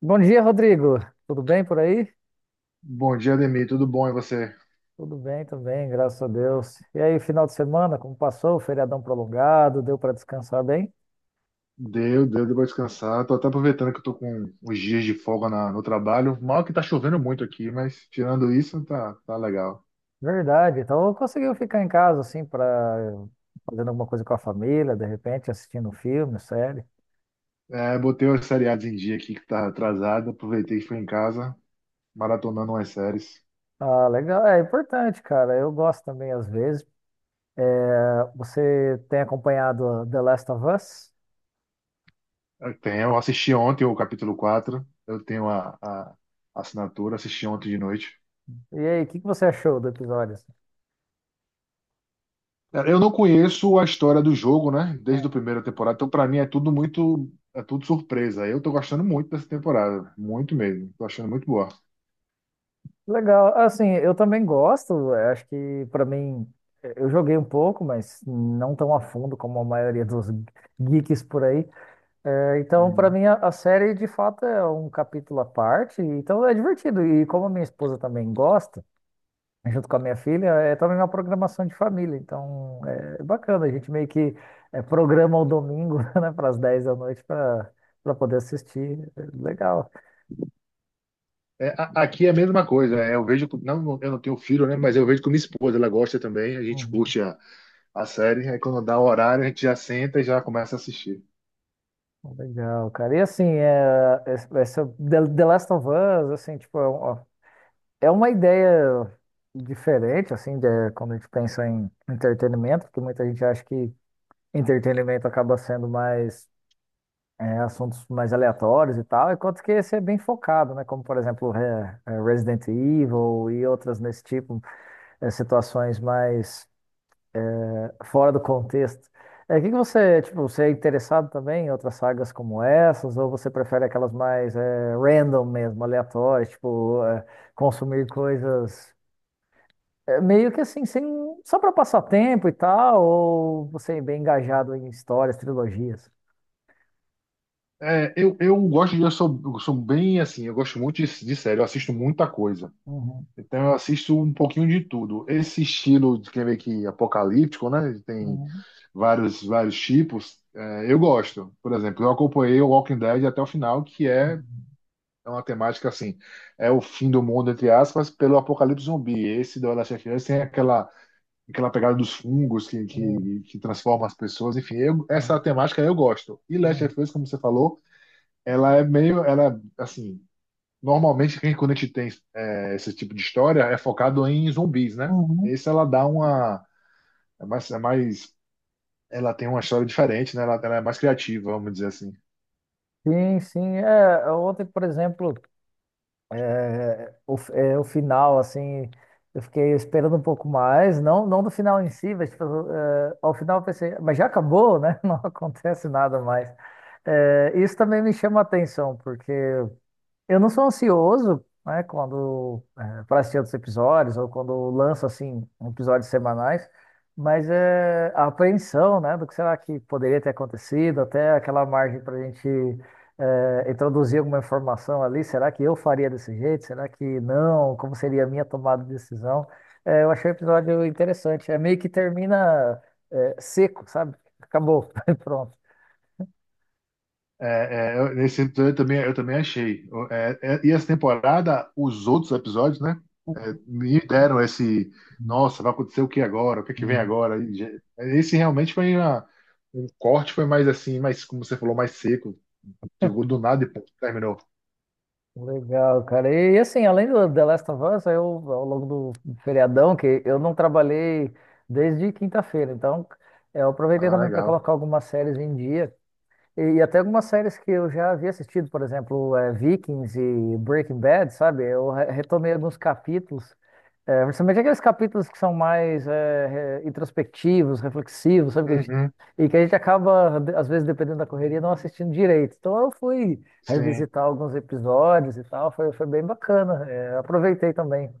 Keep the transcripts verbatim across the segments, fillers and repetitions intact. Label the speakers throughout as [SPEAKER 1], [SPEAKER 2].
[SPEAKER 1] Bom dia, Rodrigo. Tudo bem por aí?
[SPEAKER 2] Bom dia, Ademir. Tudo bom? E você?
[SPEAKER 1] Tudo bem também, graças a Deus. E aí, final de semana, como passou? Feriadão prolongado, deu para descansar bem?
[SPEAKER 2] Deu, deu, deu pra descansar. Tô até aproveitando que eu tô com uns dias de folga na- no trabalho. Mal que tá chovendo muito aqui, mas tirando isso, tá, tá legal.
[SPEAKER 1] Verdade. Então, conseguiu ficar em casa assim para fazendo alguma coisa com a família, de repente assistindo um filme, série.
[SPEAKER 2] É, botei os seriados em dia aqui que tá atrasado. Aproveitei que fui em casa, maratonando umas séries.
[SPEAKER 1] Ah, legal. É importante, cara. Eu gosto também às vezes. Você tem acompanhado The Last of Us?
[SPEAKER 2] Eu tenho, eu assisti ontem o capítulo quatro. Eu tenho a, a assinatura, assisti ontem de noite.
[SPEAKER 1] E aí, o que que você achou do episódio, assim?
[SPEAKER 2] Cara, eu não conheço a história do jogo, né? Desde a primeira temporada, então pra mim é tudo muito, é tudo surpresa. Eu tô gostando muito dessa temporada, muito mesmo. Tô achando muito boa.
[SPEAKER 1] Legal. Assim, eu também gosto. eh, Acho que pra mim eh, eu joguei um pouco, mas não tão a fundo como a maioria dos geeks por aí. Eh, então, pra
[SPEAKER 2] Uhum.
[SPEAKER 1] mim a, a série de fato é um capítulo à parte. Então é divertido. E como a minha esposa também gosta, junto com a minha filha, é também uma programação de família. Então é bacana. A gente meio que eh, programa o domingo, né, para as dez da noite para para poder assistir. É legal.
[SPEAKER 2] É, a- aqui é a mesma coisa. é, Eu vejo, com- não, eu não tenho filho, né? Mas eu vejo com minha esposa, ela gosta também. A gente
[SPEAKER 1] Uhum.
[SPEAKER 2] curte a, a série. Aí quando dá o horário, a gente já senta e já começa a assistir.
[SPEAKER 1] Legal, cara. E assim, é, es- essa The The Last of Us, assim, tipo, é um- é uma ideia diferente, assim, de, quando a gente pensa em entretenimento, porque muita gente acha que entretenimento acaba sendo mais é, assuntos mais aleatórios e tal, enquanto que esse é bem focado, né? Como, por exemplo, é, é Resident Evil e outras nesse tipo, é, situações mais fora do contexto. É, que que você, tipo, você é interessado também em outras sagas como essas, ou você prefere aquelas mais é, random mesmo, aleatórias, tipo, é, consumir coisas é, meio que assim, sem, só para passar tempo e tal, ou você é bem engajado em histórias, trilogias?
[SPEAKER 2] É, eu, eu gosto de, eu sou, eu sou bem assim, eu gosto muito de, de série, eu assisto muita coisa.
[SPEAKER 1] Uhum,
[SPEAKER 2] Então eu assisto um pouquinho de tudo. Esse estilo de quem vê que apocalíptico, né? Tem
[SPEAKER 1] uhum,
[SPEAKER 2] vários, vários tipos, é, eu gosto. Por exemplo, eu acompanhei o Walking Dead até o final, que é
[SPEAKER 1] uhum,
[SPEAKER 2] é uma temática assim, é o fim do mundo, entre aspas, pelo apocalipse zumbi. Esse do Last of Us tem aquela, aquela pegada dos fungos que,
[SPEAKER 1] uhum,
[SPEAKER 2] que, que transforma as pessoas. Enfim, eu- essa temática eu gosto. E Last
[SPEAKER 1] uhum,
[SPEAKER 2] of Us, como você falou, ela é meio, ela, assim, normalmente quem, quando a gente tem é, esse tipo de história é focado em zumbis, né?
[SPEAKER 1] uhum.
[SPEAKER 2] Esse ela dá uma, é mais, é mais ela tem uma história diferente, né? Ela, ela é mais criativa, vamos dizer assim.
[SPEAKER 1] Sim, sim. É, ontem, por exemplo. É, o, é, o final, assim, eu fiquei esperando um pouco mais, não, não do final em si, mas tipo, é, ao final eu pensei, mas já acabou, né? Não acontece nada mais. É, isso também me chama a atenção, porque eu não sou ansioso, né, quando é, para assistir outros episódios ou quando lança assim episódios semanais, mas é a apreensão, né, do que será que poderia ter acontecido, até aquela margem para a gente é, introduzir alguma informação ali. Será que eu faria desse jeito? Será que não? Como seria a minha tomada de decisão? É, eu achei o episódio interessante. É meio que termina é, seco, sabe? Acabou, pronto.
[SPEAKER 2] É, é, eu- nesse episódio eu também, eu também achei. O- é, é, e essa temporada, os outros episódios, né? é, me deram esse.
[SPEAKER 1] Uhum,
[SPEAKER 2] Nossa, vai acontecer o que agora? O que é que vem
[SPEAKER 1] uhum.
[SPEAKER 2] agora? E já- Esse realmente foi uma, um corte, foi mais assim, mais, como você falou, mais seco. Chegou do nada e pum, terminou.
[SPEAKER 1] Legal, cara. E, assim, além do The Last of Us, eu, ao longo do feriadão, que eu não trabalhei desde quinta-feira, então é, eu aproveitei
[SPEAKER 2] Ah,
[SPEAKER 1] também para
[SPEAKER 2] legal.
[SPEAKER 1] colocar algumas séries em dia. E, e até algumas séries que eu já havia assistido, por exemplo, é, Vikings e Breaking Bad, sabe? Eu re- retomei alguns capítulos é, principalmente aqueles capítulos que são mais é, re- introspectivos, reflexivos, sabe? Que a gente-
[SPEAKER 2] Uhum,
[SPEAKER 1] e que a gente acaba, de- às vezes, dependendo da correria, não assistindo direito. Então eu fui
[SPEAKER 2] sim.
[SPEAKER 1] revisitar alguns episódios e tal, foi, foi bem bacana. É, aproveitei também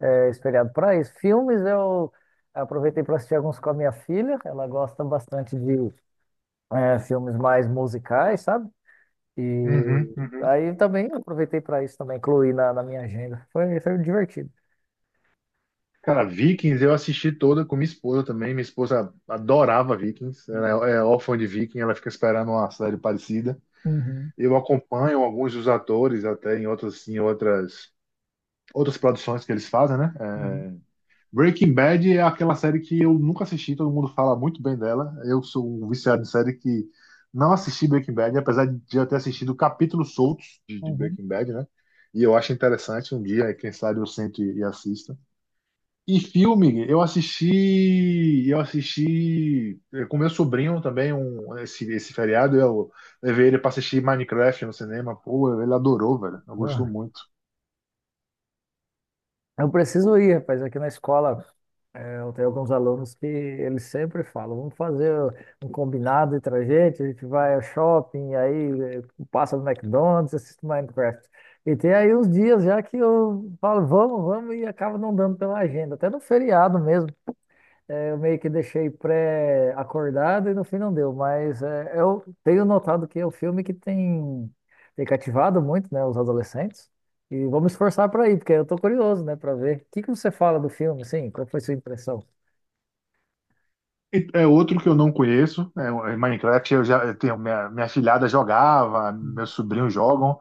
[SPEAKER 1] é, esse feriado para isso. Filmes eu aproveitei para assistir alguns com a minha filha, ela gosta bastante de é, filmes mais musicais, sabe?
[SPEAKER 2] Uhum,
[SPEAKER 1] E
[SPEAKER 2] uhum.
[SPEAKER 1] aí também aproveitei para isso também, incluí na, na minha agenda. Foi, foi divertido.
[SPEAKER 2] Cara, Vikings eu assisti toda com minha esposa também. Minha esposa adorava Vikings, ela é é órfã de Viking, ela fica esperando uma série parecida.
[SPEAKER 1] Uhum.
[SPEAKER 2] Eu acompanho alguns dos atores até em outras, em outras, outras produções que eles fazem, né?
[SPEAKER 1] Uhum.
[SPEAKER 2] É, Breaking Bad é aquela série que eu nunca assisti, todo mundo fala muito bem dela. Eu sou um viciado em série que não assisti Breaking Bad, apesar de já ter assistido capítulos soltos de, de
[SPEAKER 1] Uhum.
[SPEAKER 2] Breaking Bad, né? E eu acho interessante um dia, quem sabe eu sento e e assisto. E filme, eu assisti, eu assisti eh, com meu sobrinho também um, esse, esse feriado, eu levei ele para assistir Minecraft no cinema, pô, ele adorou, velho, eu gostou
[SPEAKER 1] Ah,
[SPEAKER 2] muito.
[SPEAKER 1] eu preciso ir, rapaz, aqui na escola. É, eu tenho alguns alunos que eles sempre falam, vamos fazer um combinado entre a gente, a gente vai ao shopping, aí é, passa no McDonald's, assiste Minecraft. E tem aí uns dias já que eu falo, vamos, vamos, e acaba não dando pela agenda, até no feriado mesmo. É, eu meio que deixei pré-acordado e no fim não deu, mas é, eu tenho notado que é um filme que tem, tem cativado muito, né, os adolescentes. E vamos esforçar para ir, porque eu tô curioso, né, para ver. O que que você fala do filme, assim? Qual foi sua impressão?
[SPEAKER 2] E é outro que eu não conheço, né, Minecraft eu já eu tenho, minha, minha filhada jogava,
[SPEAKER 1] Hum,
[SPEAKER 2] meus sobrinhos jogam,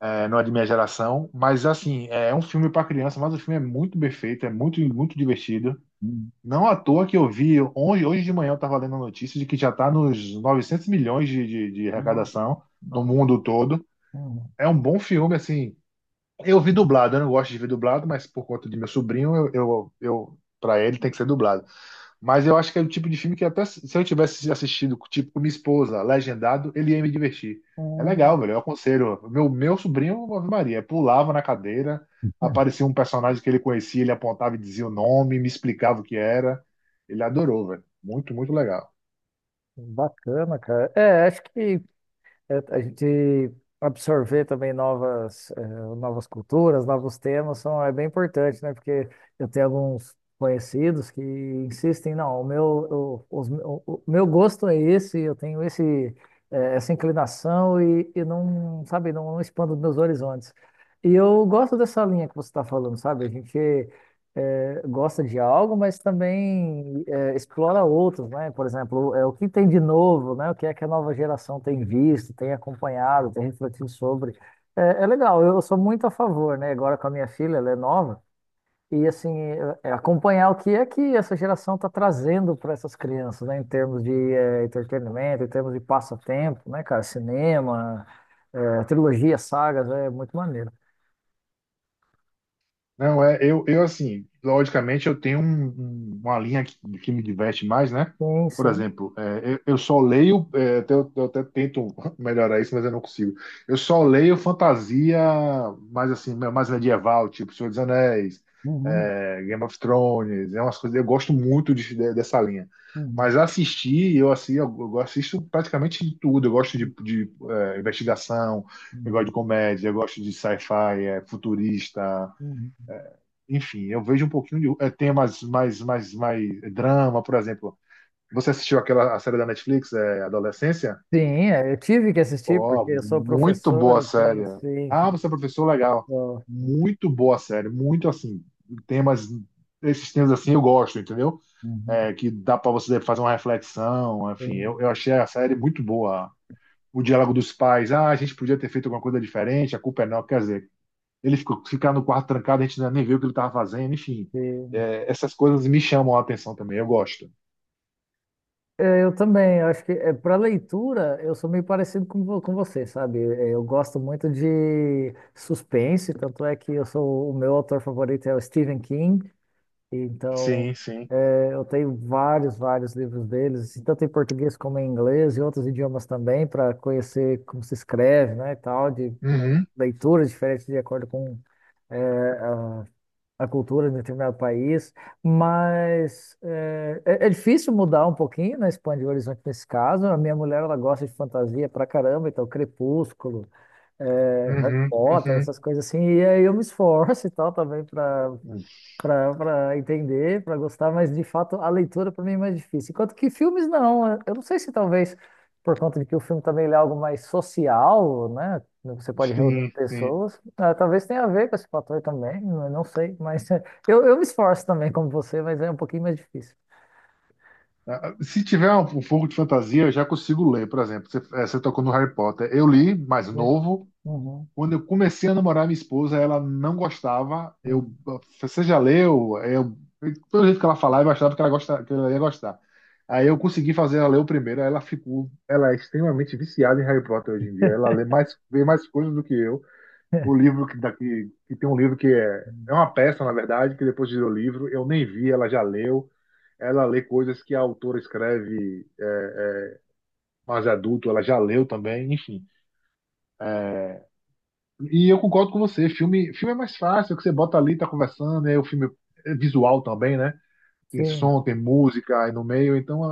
[SPEAKER 2] eh, não é de minha geração, mas assim, é um filme para criança, mas o filme é muito bem feito, é muito, muito divertido.
[SPEAKER 1] hum.
[SPEAKER 2] Não à toa que eu vi, hoje, hoje de manhã eu estava lendo a notícia de que já está nos novecentos milhões de, de, de
[SPEAKER 1] Nossa,
[SPEAKER 2] arrecadação no
[SPEAKER 1] nossa.
[SPEAKER 2] mundo todo.
[SPEAKER 1] Hum,
[SPEAKER 2] É um bom filme, assim. Eu vi dublado, eu não gosto de ver dublado, mas por conta de meu sobrinho, eu, eu, eu para ele tem que ser dublado. Mas eu acho que é o tipo de filme que até se se eu tivesse assistido, tipo, com minha esposa, legendado, ele ia me divertir. É legal,
[SPEAKER 1] hum.
[SPEAKER 2] velho. Eu aconselho. Meu, meu sobrinho, Ave Maria, pulava na cadeira, aparecia um personagem que ele conhecia, ele apontava e dizia o nome, me explicava o que era. Ele adorou, velho. Muito, muito legal.
[SPEAKER 1] Bacana, cara. É, acho que é, a gente absorver também novas, eh, novas culturas, novos temas são, é bem importante, né? Porque eu tenho alguns conhecidos que insistem, não, o meu, o, os- o- o meu gosto é esse, eu tenho esse, eh, essa inclinação e, e não, sabe, não expando meus horizontes. E eu gosto dessa linha que você está falando, sabe? A gente eh, gosta de algo, mas também é, explora outros, né? Por exemplo, é, o que tem de novo, né? O que é que a nova geração tem visto, tem acompanhado, tem refletido sobre. É, é legal, eu sou muito a favor, né? Agora com a minha filha, ela é nova, e assim, é- é acompanhar o que é que essa geração está trazendo para essas crianças, né? Em termos de é, entretenimento, em termos de passatempo, né, cara? Cinema, é, trilogia, sagas, é muito maneiro.
[SPEAKER 2] Não, é, eu, eu assim, logicamente eu tenho um- um- uma linha que, que me diverte mais, né?
[SPEAKER 1] Sim,
[SPEAKER 2] Por
[SPEAKER 1] sim.
[SPEAKER 2] exemplo, é, eu, eu só leio, é, até- eu, eu até tento melhorar isso, mas eu não consigo. Eu só leio fantasia mais assim, mais medieval, tipo Senhor dos Anéis,
[SPEAKER 1] Uhum,
[SPEAKER 2] é, Game of Thrones, é umas coisas, eu gosto muito de- de- dessa linha.
[SPEAKER 1] uhum,
[SPEAKER 2] Mas assistir, eu assim, eu, eu assisto praticamente de tudo. Eu gosto de, de, é, investigação, eu gosto de
[SPEAKER 1] uhum.
[SPEAKER 2] comédia, eu gosto de sci-fi, é, futurista
[SPEAKER 1] Uhum.
[SPEAKER 2] enfim, eu vejo um pouquinho de é, temas mais, mais, mais drama, por exemplo. Você assistiu aquela a série da Netflix, é, Adolescência?
[SPEAKER 1] Sim, é, eu tive que assistir
[SPEAKER 2] Ó,
[SPEAKER 1] porque eu sou
[SPEAKER 2] muito
[SPEAKER 1] professor,
[SPEAKER 2] boa
[SPEAKER 1] então
[SPEAKER 2] série.
[SPEAKER 1] assim,
[SPEAKER 2] Ah, você é professor, legal.
[SPEAKER 1] gosto.
[SPEAKER 2] Muito boa série, muito assim, temas, esses temas assim eu gosto, entendeu?
[SPEAKER 1] Uhum.
[SPEAKER 2] É, que dá para você fazer uma reflexão, enfim, eu,
[SPEAKER 1] Sim,
[SPEAKER 2] eu achei a série muito boa. O diálogo dos pais, ah, a gente podia ter feito alguma coisa diferente, a culpa é não, quer dizer, ele ficou, ficar no quarto trancado, a gente nem viu o que ele estava fazendo, enfim.
[SPEAKER 1] sim.
[SPEAKER 2] É, essas coisas me chamam a atenção também, eu gosto.
[SPEAKER 1] Eu também, eu acho que é, para leitura eu sou meio parecido com, vo- com você, sabe? É, eu gosto muito de suspense, tanto é que eu sou o meu autor favorito é o Stephen King, então
[SPEAKER 2] Sim, sim.
[SPEAKER 1] é, eu tenho vários, vários livros deles, assim, tanto em português como em inglês e outros idiomas também, para conhecer como se escreve, né, e tal, de
[SPEAKER 2] Uhum,
[SPEAKER 1] leituras diferentes de acordo com a cultura de um determinado país, mas eh, é, é difícil mudar um pouquinho, né, expandir o horizonte nesse caso. A minha mulher, ela gosta de fantasia pra caramba, então Crepúsculo, eh, Harry
[SPEAKER 2] uhum,
[SPEAKER 1] Potter,
[SPEAKER 2] uhum.
[SPEAKER 1] essas coisas assim, e aí eu me esforço e tal também para para entender, para gostar, mas de fato a leitura para mim é mais difícil. Enquanto que filmes não, eu não sei se talvez por conta de que o filme também ele é algo mais social, né? Né, você pode reunir
[SPEAKER 2] Sim, sim.
[SPEAKER 1] pessoas, ah, talvez tenha a ver com esse fator também, eu não sei, mas eh, eu, eu me esforço também como você, mas é um pouquinho mais difícil.
[SPEAKER 2] Ah, ah, Se tiver um um pouco de fantasia, eu já consigo ler, por exemplo. Você, eh, você tocou no Harry Potter. Eu li, mais
[SPEAKER 1] Sim.
[SPEAKER 2] novo,
[SPEAKER 1] Uhum,
[SPEAKER 2] quando eu comecei a namorar minha esposa, ela não gostava.
[SPEAKER 1] uhum.
[SPEAKER 2] Eu, você já leu? Eu, pelo jeito que ela falava, eu achava que ela, gosta, que ela ia gostar. Aí eu consegui fazer ela ler o primeiro. Aí Ela ficou, ela é extremamente viciada em Harry Potter hoje em dia. Ela lê mais, vê mais coisas do que eu. O livro que daqui, que tem um livro que é, é uma peça, na verdade, que depois virou livro. Eu nem vi, ela já leu. Ela lê coisas que a autora escreve é, é, mais adulto, ela já leu também, enfim. E eu concordo com você, filme, filme é mais fácil, que você bota ali, tá conversando, é o filme é visual também, né? Tem
[SPEAKER 1] Sim.
[SPEAKER 2] som, tem música aí no meio, então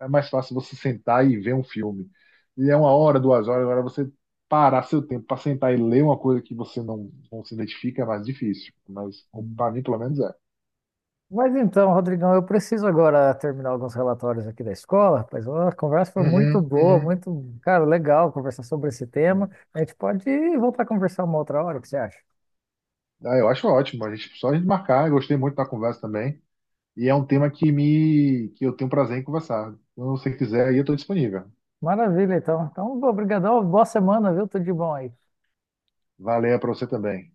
[SPEAKER 2] é, é mais fácil você sentar e ver um filme. E é uma hora, duas horas, agora você parar seu tempo para sentar e ler uma coisa que você não, não se identifica é mais difícil, mas para mim pelo menos é.
[SPEAKER 1] Mas então, Rodrigão, eu preciso agora terminar alguns relatórios aqui da escola, rapaz. Ó, a conversa foi
[SPEAKER 2] Uhum,
[SPEAKER 1] muito boa,
[SPEAKER 2] uhum.
[SPEAKER 1] muito, cara, legal conversar sobre esse tema. A gente pode voltar a conversar uma outra hora, o que você acha?
[SPEAKER 2] Ah, eu acho ótimo, a gente, só a gente marcar, eu gostei muito da conversa também, e é um tema que me que eu tenho prazer em conversar. Então, se você quiser, aí eu estou disponível.
[SPEAKER 1] Maravilha, então. Então, obrigadão, boa semana, viu? Tudo de bom aí.
[SPEAKER 2] Valeu para você também.